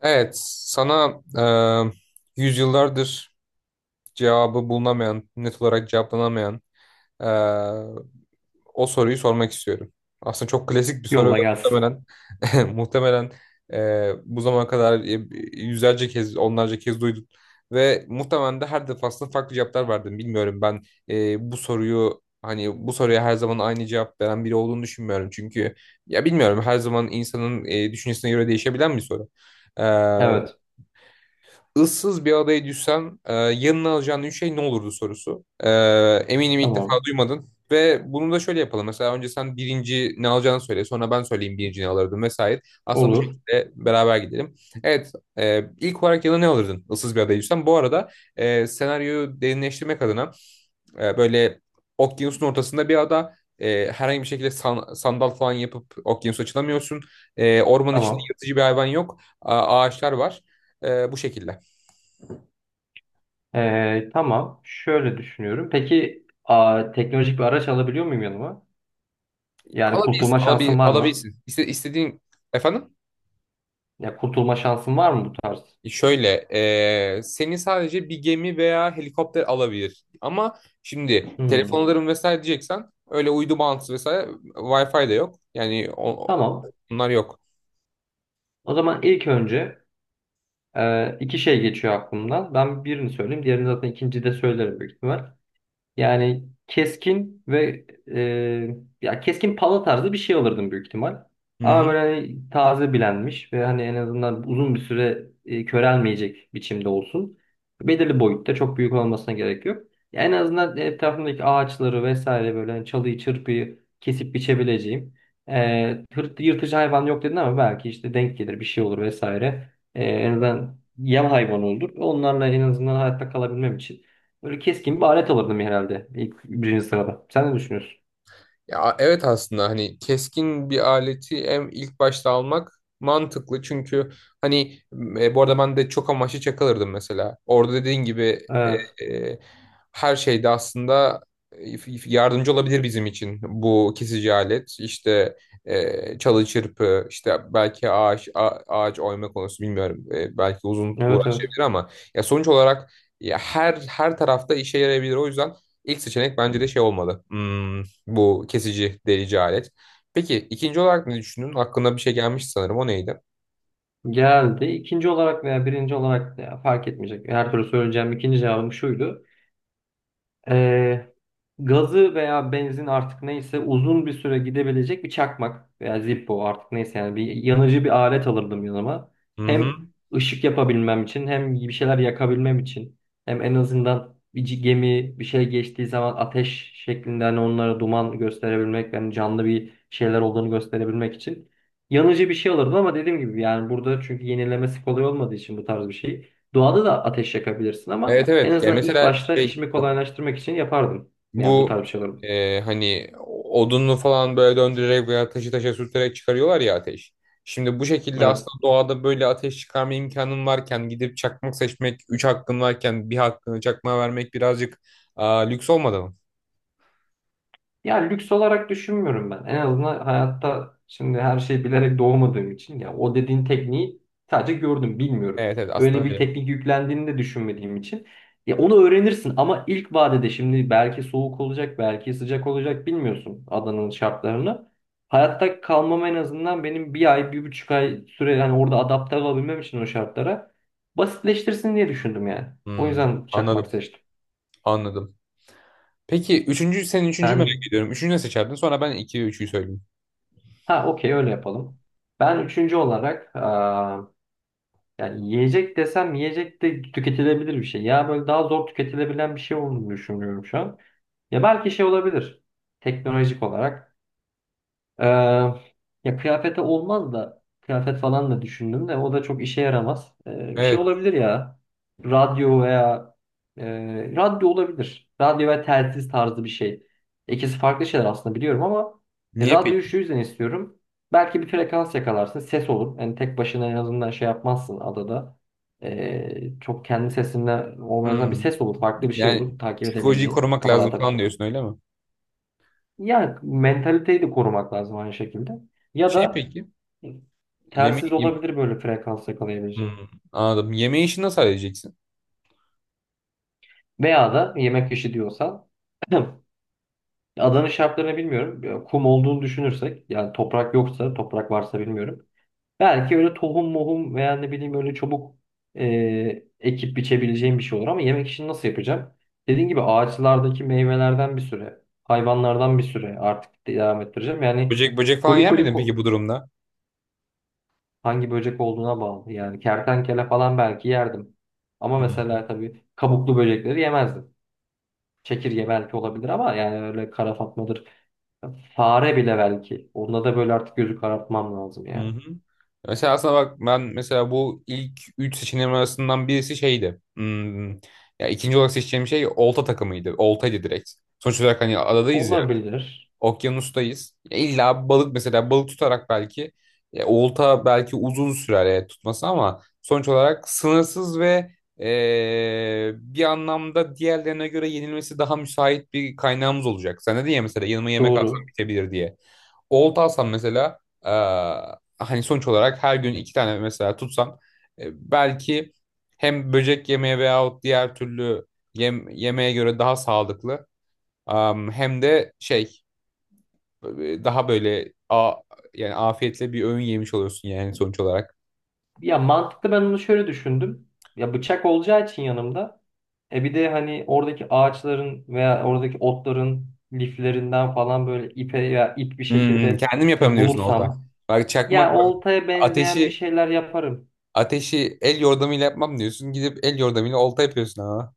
Evet, sana yüzyıllardır cevabı bulunamayan, net olarak cevaplanamayan e, o soruyu sormak istiyorum. Aslında çok klasik bir soru ve Yolla gelsin. muhtemelen muhtemelen bu zamana kadar yüzlerce kez, onlarca kez duydun ve muhtemelen de her defasında farklı cevaplar verdin. Bilmiyorum ben bu soruyu hani bu soruya her zaman aynı cevap veren biri olduğunu düşünmüyorum. Çünkü ya bilmiyorum her zaman insanın düşüncesine göre değişebilen bir soru. E, Evet. ıssız bir adaya düşsen yanına alacağın üç şey ne olurdu sorusu. Eminim ilk defa Tamam. duymadın. Ve bunu da şöyle yapalım. Mesela önce sen birinci ne alacağını söyle. Sonra ben söyleyeyim birinci ne alırdım vesaire. Aslında bu Olur. şekilde beraber gidelim. Evet. İlk olarak yanına ne alırdın ıssız bir adaya düşsen? Bu arada senaryoyu derinleştirmek adına böyle okyanusun ortasında bir ada. Herhangi bir şekilde sandal falan yapıp okyanusa açılamıyorsun. Ormanın içinde Tamam. yırtıcı bir hayvan yok. Ağaçlar var. Bu şekilde. Tamam. Şöyle düşünüyorum. Peki teknolojik bir araç alabiliyor muyum yanıma? Yani Alabilirsin, kurtulma şansım var mı? alabilirsin. İstediğin efendim? Ya kurtulma şansım var mı bu tarz? Şöyle, seni sadece bir gemi veya helikopter alabilir. Ama şimdi telefon Hmm. alırım vesaire diyeceksen öyle uydu bağlantısı vesaire Wi-Fi de yok. Yani o, o- Tamam. bunlar yok. O zaman ilk önce iki şey geçiyor aklımdan. Ben birini söyleyeyim. Diğerini zaten ikinci de söylerim büyük ihtimal. Yani keskin ve e, ya keskin pala tarzı bir şey alırdım büyük ihtimal. Hı Ama hı. böyle hani taze bilenmiş ve hani en azından uzun bir süre körelmeyecek biçimde olsun. Belirli boyutta çok büyük olmasına gerek yok. Ya en azından etrafımdaki ağaçları vesaire böyle hani çalıyı çırpıyı kesip biçebileceğim. E, Yırtıcı hayvan yok dedin ama belki işte denk gelir bir şey olur vesaire. E, en azından yem hayvanı olur. Onlarla en azından hayatta kalabilmem için. Böyle keskin bir alet alırdım herhalde ilk birinci sırada. Sen ne düşünüyorsun? Ya evet aslında hani keskin bir aleti en ilk başta almak mantıklı çünkü hani bu arada ben de çok amaçlı çakılırdım mesela. Orada dediğin gibi Evet. e, e, her şeyde aslında e, yardımcı olabilir bizim için bu kesici alet. İşte çalı çırpı, işte belki ağaç oyma konusu bilmiyorum. Belki uzun Evet evet. uğraşabilir ama ya sonuç olarak ya her tarafta işe yarayabilir. O yüzden ilk seçenek bence de şey olmalı. Hmm, bu kesici delici alet. Peki ikinci olarak ne düşündün? Aklına bir şey gelmiş sanırım. O neydi? Geldi. İkinci olarak veya birinci olarak da ya fark etmeyecek. Her türlü söyleyeceğim ikinci cevabım şuydu. Ee, Gazı veya benzin artık neyse uzun bir süre gidebilecek bir çakmak veya Zippo artık neyse yani bir yanıcı bir alet alırdım yanıma. Hı hı. Hem ışık yapabilmem için hem bir şeyler yakabilmem için hem en azından gemi bir şey geçtiği zaman ateş şeklinde hani onlara duman gösterebilmek yani canlı bir şeyler olduğunu gösterebilmek için yanıcı bir şey alırdım ama dediğim gibi yani burada çünkü yenilemesi kolay olmadığı için bu tarz bir şey. Doğada da ateş yakabilirsin ama Evet en evet. Yani azından ilk mesela başta şey işimi kolaylaştırmak için yapardım. Yani bu bu tarz şeyler. Hani odunlu falan böyle döndürerek veya taşı taşa sürterek çıkarıyorlar ya ateş. Şimdi bu şekilde Evet. aslında doğada böyle ateş çıkarma imkanın varken gidip çakmak seçmek, üç hakkın varken bir hakkını çakmağa vermek birazcık lüks olmadı mı? Ya lüks olarak düşünmüyorum ben. En azından hayatta şimdi her şeyi bilerek doğmadığım için ya o dediğin tekniği sadece gördüm, bilmiyorum. Evet evet aslında Öyle bir öyle. teknik yüklendiğini de düşünmediğim için ya onu öğrenirsin ama ilk vadede şimdi belki soğuk olacak, belki sıcak olacak bilmiyorsun adanın şartlarını. Hayatta kalmam en azından benim bir ay, bir buçuk ay süre yani orada adapte olabilmem için o şartlara basitleştirsin diye düşündüm yani. O Hmm, yüzden çakmak anladım seçtim. anladım. Peki üçüncü, senin üçüncüyü merak Sen, ediyorum. Üçüncü ne seçerdin? Sonra ben iki ve üçüyü söyleyeyim. ha, okey, öyle yapalım. Ben üçüncü olarak yani yiyecek desem yiyecek de tüketilebilir bir şey. Ya böyle daha zor tüketilebilen bir şey olduğunu düşünüyorum şu an. Ya belki şey olabilir. Teknolojik olarak. Ee, Ya kıyafete olmaz da kıyafet falan da düşündüm de o da çok işe yaramaz. Bir şey Evet. olabilir ya. Radyo veya radyo olabilir. Radyo ve telsiz tarzı bir şey. İkisi farklı şeyler aslında biliyorum ama Niye radyoyu şu peki? yüzden istiyorum. Belki bir frekans yakalarsın. Ses olur. Yani tek başına en azından şey yapmazsın adada. Çok kendi sesinle olmanızdan bir Hmm. ses olur. Farklı bir şey Yani olur. Takip psikolojiyi edebileceğin. korumak Kafa lazım falan dağıtabilir. diyorsun öyle mi? Ya mentaliteyi de korumak lazım aynı şekilde. Ya Şey da peki. telsiz Yemeği... yem- olabilir böyle frekans yakalayabileceğim. Hmm, anladım. Yemeği işini nasıl halledeceksin? Veya da yemek işi diyorsan adanın şartlarını bilmiyorum. Ya kum olduğunu düşünürsek yani toprak yoksa toprak varsa bilmiyorum. Belki öyle tohum mohum veya ne bileyim öyle çabuk ekip biçebileceğim bir şey olur ama yemek işini nasıl yapacağım? Dediğim gibi ağaçlardaki meyvelerden bir süre, hayvanlardan bir süre artık devam ettireceğim. Yani Böcek böcek falan koli yer koli miydin peki bu durumda? hangi böcek olduğuna bağlı. Yani kertenkele falan belki yerdim. Ama Hmm. mesela tabii kabuklu böcekleri yemezdim. Çekirge belki olabilir ama yani öyle kara fatmadır. Fare bile belki. Onda da böyle artık gözü karartmam lazım Hı hı. yani. Hı. Mesela aslında bak ben mesela bu ilk 3 seçeneğim arasından birisi şeydi. Hmm, ya ikinci olarak seçeceğim şey olta takımıydı. Oltaydı direkt. Sonuç olarak hani adadayız ya. Olabilir. Okyanustayız. Ya İlla balık mesela balık tutarak belki olta belki uzun sürer tutması ama sonuç olarak sınırsız ve bir anlamda diğerlerine göre yenilmesi daha müsait bir kaynağımız olacak. Sen dedin ya mesela yanıma yemek alsam Doğru. bitebilir diye. Olta alsam mesela e, hani sonuç olarak her gün iki tane mesela tutsam belki hem böcek yemeye veyahut diğer türlü yemeğe göre daha sağlıklı, hem de şey e, daha böyle a, yani afiyetle bir öğün yemiş oluyorsun yani sonuç olarak. Ya mantıklı, ben onu şöyle düşündüm. Ya bıçak olacağı için yanımda. E bir de hani oradaki ağaçların veya oradaki otların liflerinden falan böyle ipe veya ip bir Hmm, şekilde kendim yaparım diyorsun orada. bulursam Bak ya çakmak bak oltaya benzeyen bir ateşi şeyler yaparım. ateşi el yordamıyla yapmam diyorsun. Gidip el yordamıyla olta yapıyorsun ama.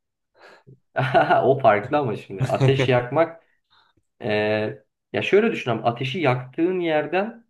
O farklı ama şimdi ateş yakmak, e, ya şöyle düşünelim, ateşi yaktığın yerden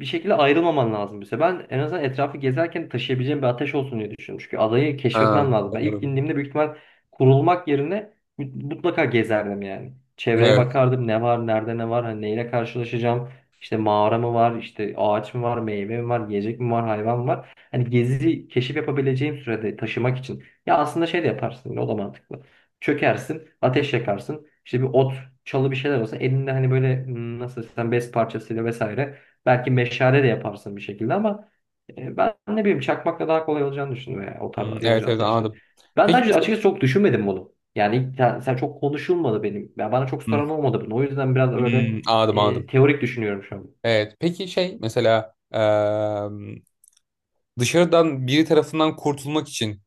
bir şekilde ayrılmaman lazım bize. Ben en azından etrafı gezerken taşıyabileceğim bir ateş olsun diye düşünüyorum. Çünkü adayı keşfetmem Ha, lazım. Ben ilk doğru. indiğimde büyük ihtimal kurulmak yerine mutlaka gezerdim yani. Çevreye Evet. bakardım ne var, nerede ne var, hani neyle karşılaşacağım. İşte mağara mı var, işte ağaç mı var, meyve mi var, yiyecek mi var, hayvan mı var. Hani gezi, keşif yapabileceğim sürede taşımak için. Ya aslında şey de yaparsın, o da mantıklı. Çökersin, ateş yakarsın. İşte bir ot, çalı bir şeyler olsa elinde hani böyle hmm, nasıl desem bez parçasıyla vesaire. Belki meşale de yaparsın bir şekilde ama ben ne bileyim çakmakla daha kolay olacağını düşündüm yani o tarz Hmm, evet yanıcı evet ateşte. anladım. Ben daha Peki önce mesela açıkçası çok düşünmedim bunu. Yani sen çok konuşulmadı benim. Ya bana çok hmm, soran olmadı bunu. O yüzden biraz öyle hmm, anladım anladım. teorik düşünüyorum şu an. Evet. Peki şey mesela dışarıdan biri tarafından kurtulmak için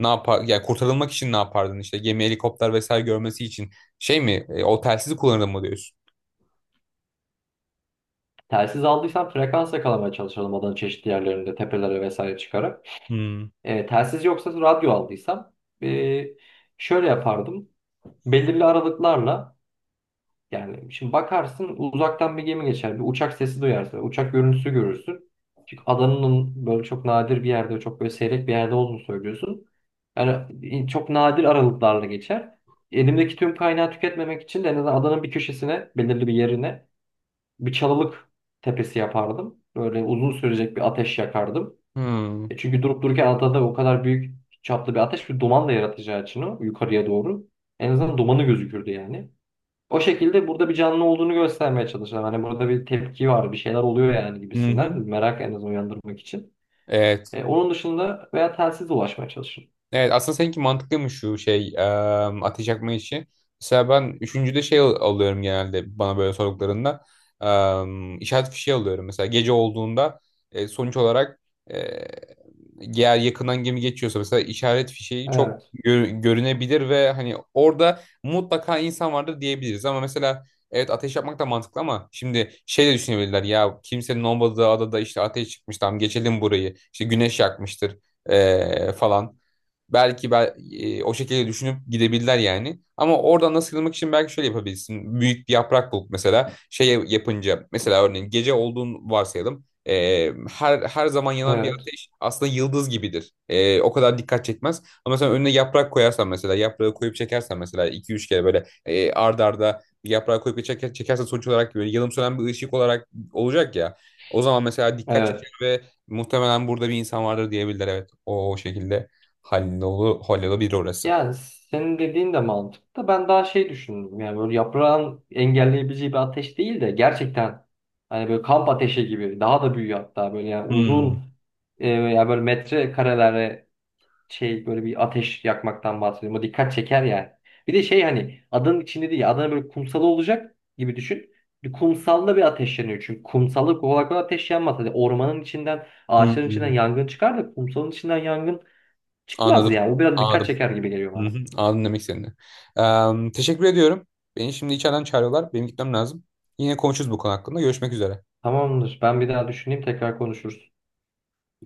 ne yapar? Yani kurtarılmak için ne yapardın işte? Gemi, helikopter vesaire görmesi için. Şey mi? E, o telsizi kullanırdım mı diyorsun? Telsiz aldıysam frekans yakalamaya çalışalım adanın çeşitli yerlerinde tepelere vesaire çıkarak. Hmm. E, telsiz yoksa radyo aldıysam e, şöyle yapardım. Belirli aralıklarla yani şimdi bakarsın uzaktan bir gemi geçer. Bir uçak sesi duyarsın. Uçak görüntüsü görürsün. Çünkü adanın böyle çok nadir bir yerde, çok böyle seyrek bir yerde olduğunu söylüyorsun. Yani çok nadir aralıklarla geçer. Elimdeki tüm kaynağı tüketmemek için de en azından adanın bir köşesine, belirli bir yerine bir çalılık tepesi yapardım. Böyle uzun sürecek bir ateş yakardım. Hmm. E çünkü durup dururken adada o kadar büyük çaplı bir ateş bir duman da yaratacağı için o yukarıya doğru. En azından dumanı gözükürdü yani. O şekilde burada bir canlı olduğunu göstermeye çalışan hani burada bir tepki var bir şeyler oluyor yani gibisinden Hı-hı. merak en azından uyandırmak için. Evet. E, onun dışında veya telsiz ulaşmaya çalışın. Evet aslında seninki mantıklıymış şu şey ateş yakma işi. Mesela ben üçüncüde şey alıyorum genelde bana böyle sorduklarında. İşaret fişeği alıyorum. Mesela gece olduğunda sonuç olarak e, eğer yakından gemi geçiyorsa mesela işaret fişeği çok Evet, görünebilir ve hani orada mutlaka insan vardır diyebiliriz. Ama mesela evet ateş yapmak da mantıklı ama şimdi şey de düşünebilirler ya kimsenin olmadığı adada işte ateş çıkmış, tamam geçelim burayı işte güneş yakmıştır falan. O şekilde düşünüp gidebilirler yani. Ama oradan nasıl sıyrılmak için belki şöyle yapabilirsin. Büyük bir yaprak bulup mesela şey yapınca mesela örneğin gece olduğunu varsayalım. Her her zaman yanan bir evet, ateş aslında yıldız gibidir. O kadar dikkat çekmez. Ama sen önüne yaprak koyarsan mesela yaprağı koyup çekersen mesela iki üç kere böyle ard arda bir yaprağı koyup bir çekersen sonuç olarak böyle yanım sönen bir ışık olarak olacak ya. O zaman mesela dikkat çeker evet. ve muhtemelen burada bir insan vardır diyebilirler evet. O şekilde hallolabilir orası. Yani senin dediğin de mantıklı. Ben daha şey düşündüm yani böyle yaprağın engelleyebileceği bir ateş değil de gerçekten hani böyle kamp ateşi gibi daha da büyüyor hatta böyle yani Hmm. uzun ya böyle metre şey böyle bir ateş yakmaktan bahsediyorum. O dikkat çeker yani. Bir de şey hani adanın içinde değil adanın böyle kumsalı olacak gibi düşün. Bir kumsalda bir ateş yanıyor çünkü kumsalda kolay kolay ateş yanmaz. Hani ormanın içinden ağaçların içinden Hmm. yangın çıkar da kumsalın içinden yangın çıkmaz Anladım. ya. O biraz dikkat Anladım. çeker gibi geliyor Hı hı. bana. Anladım demek istediğini. Teşekkür ediyorum. Beni şimdi içeriden çağırıyorlar. Benim gitmem lazım. Yine konuşuruz bu konu hakkında. Görüşmek üzere. Tamamdır. Ben bir daha düşüneyim tekrar konuşuruz.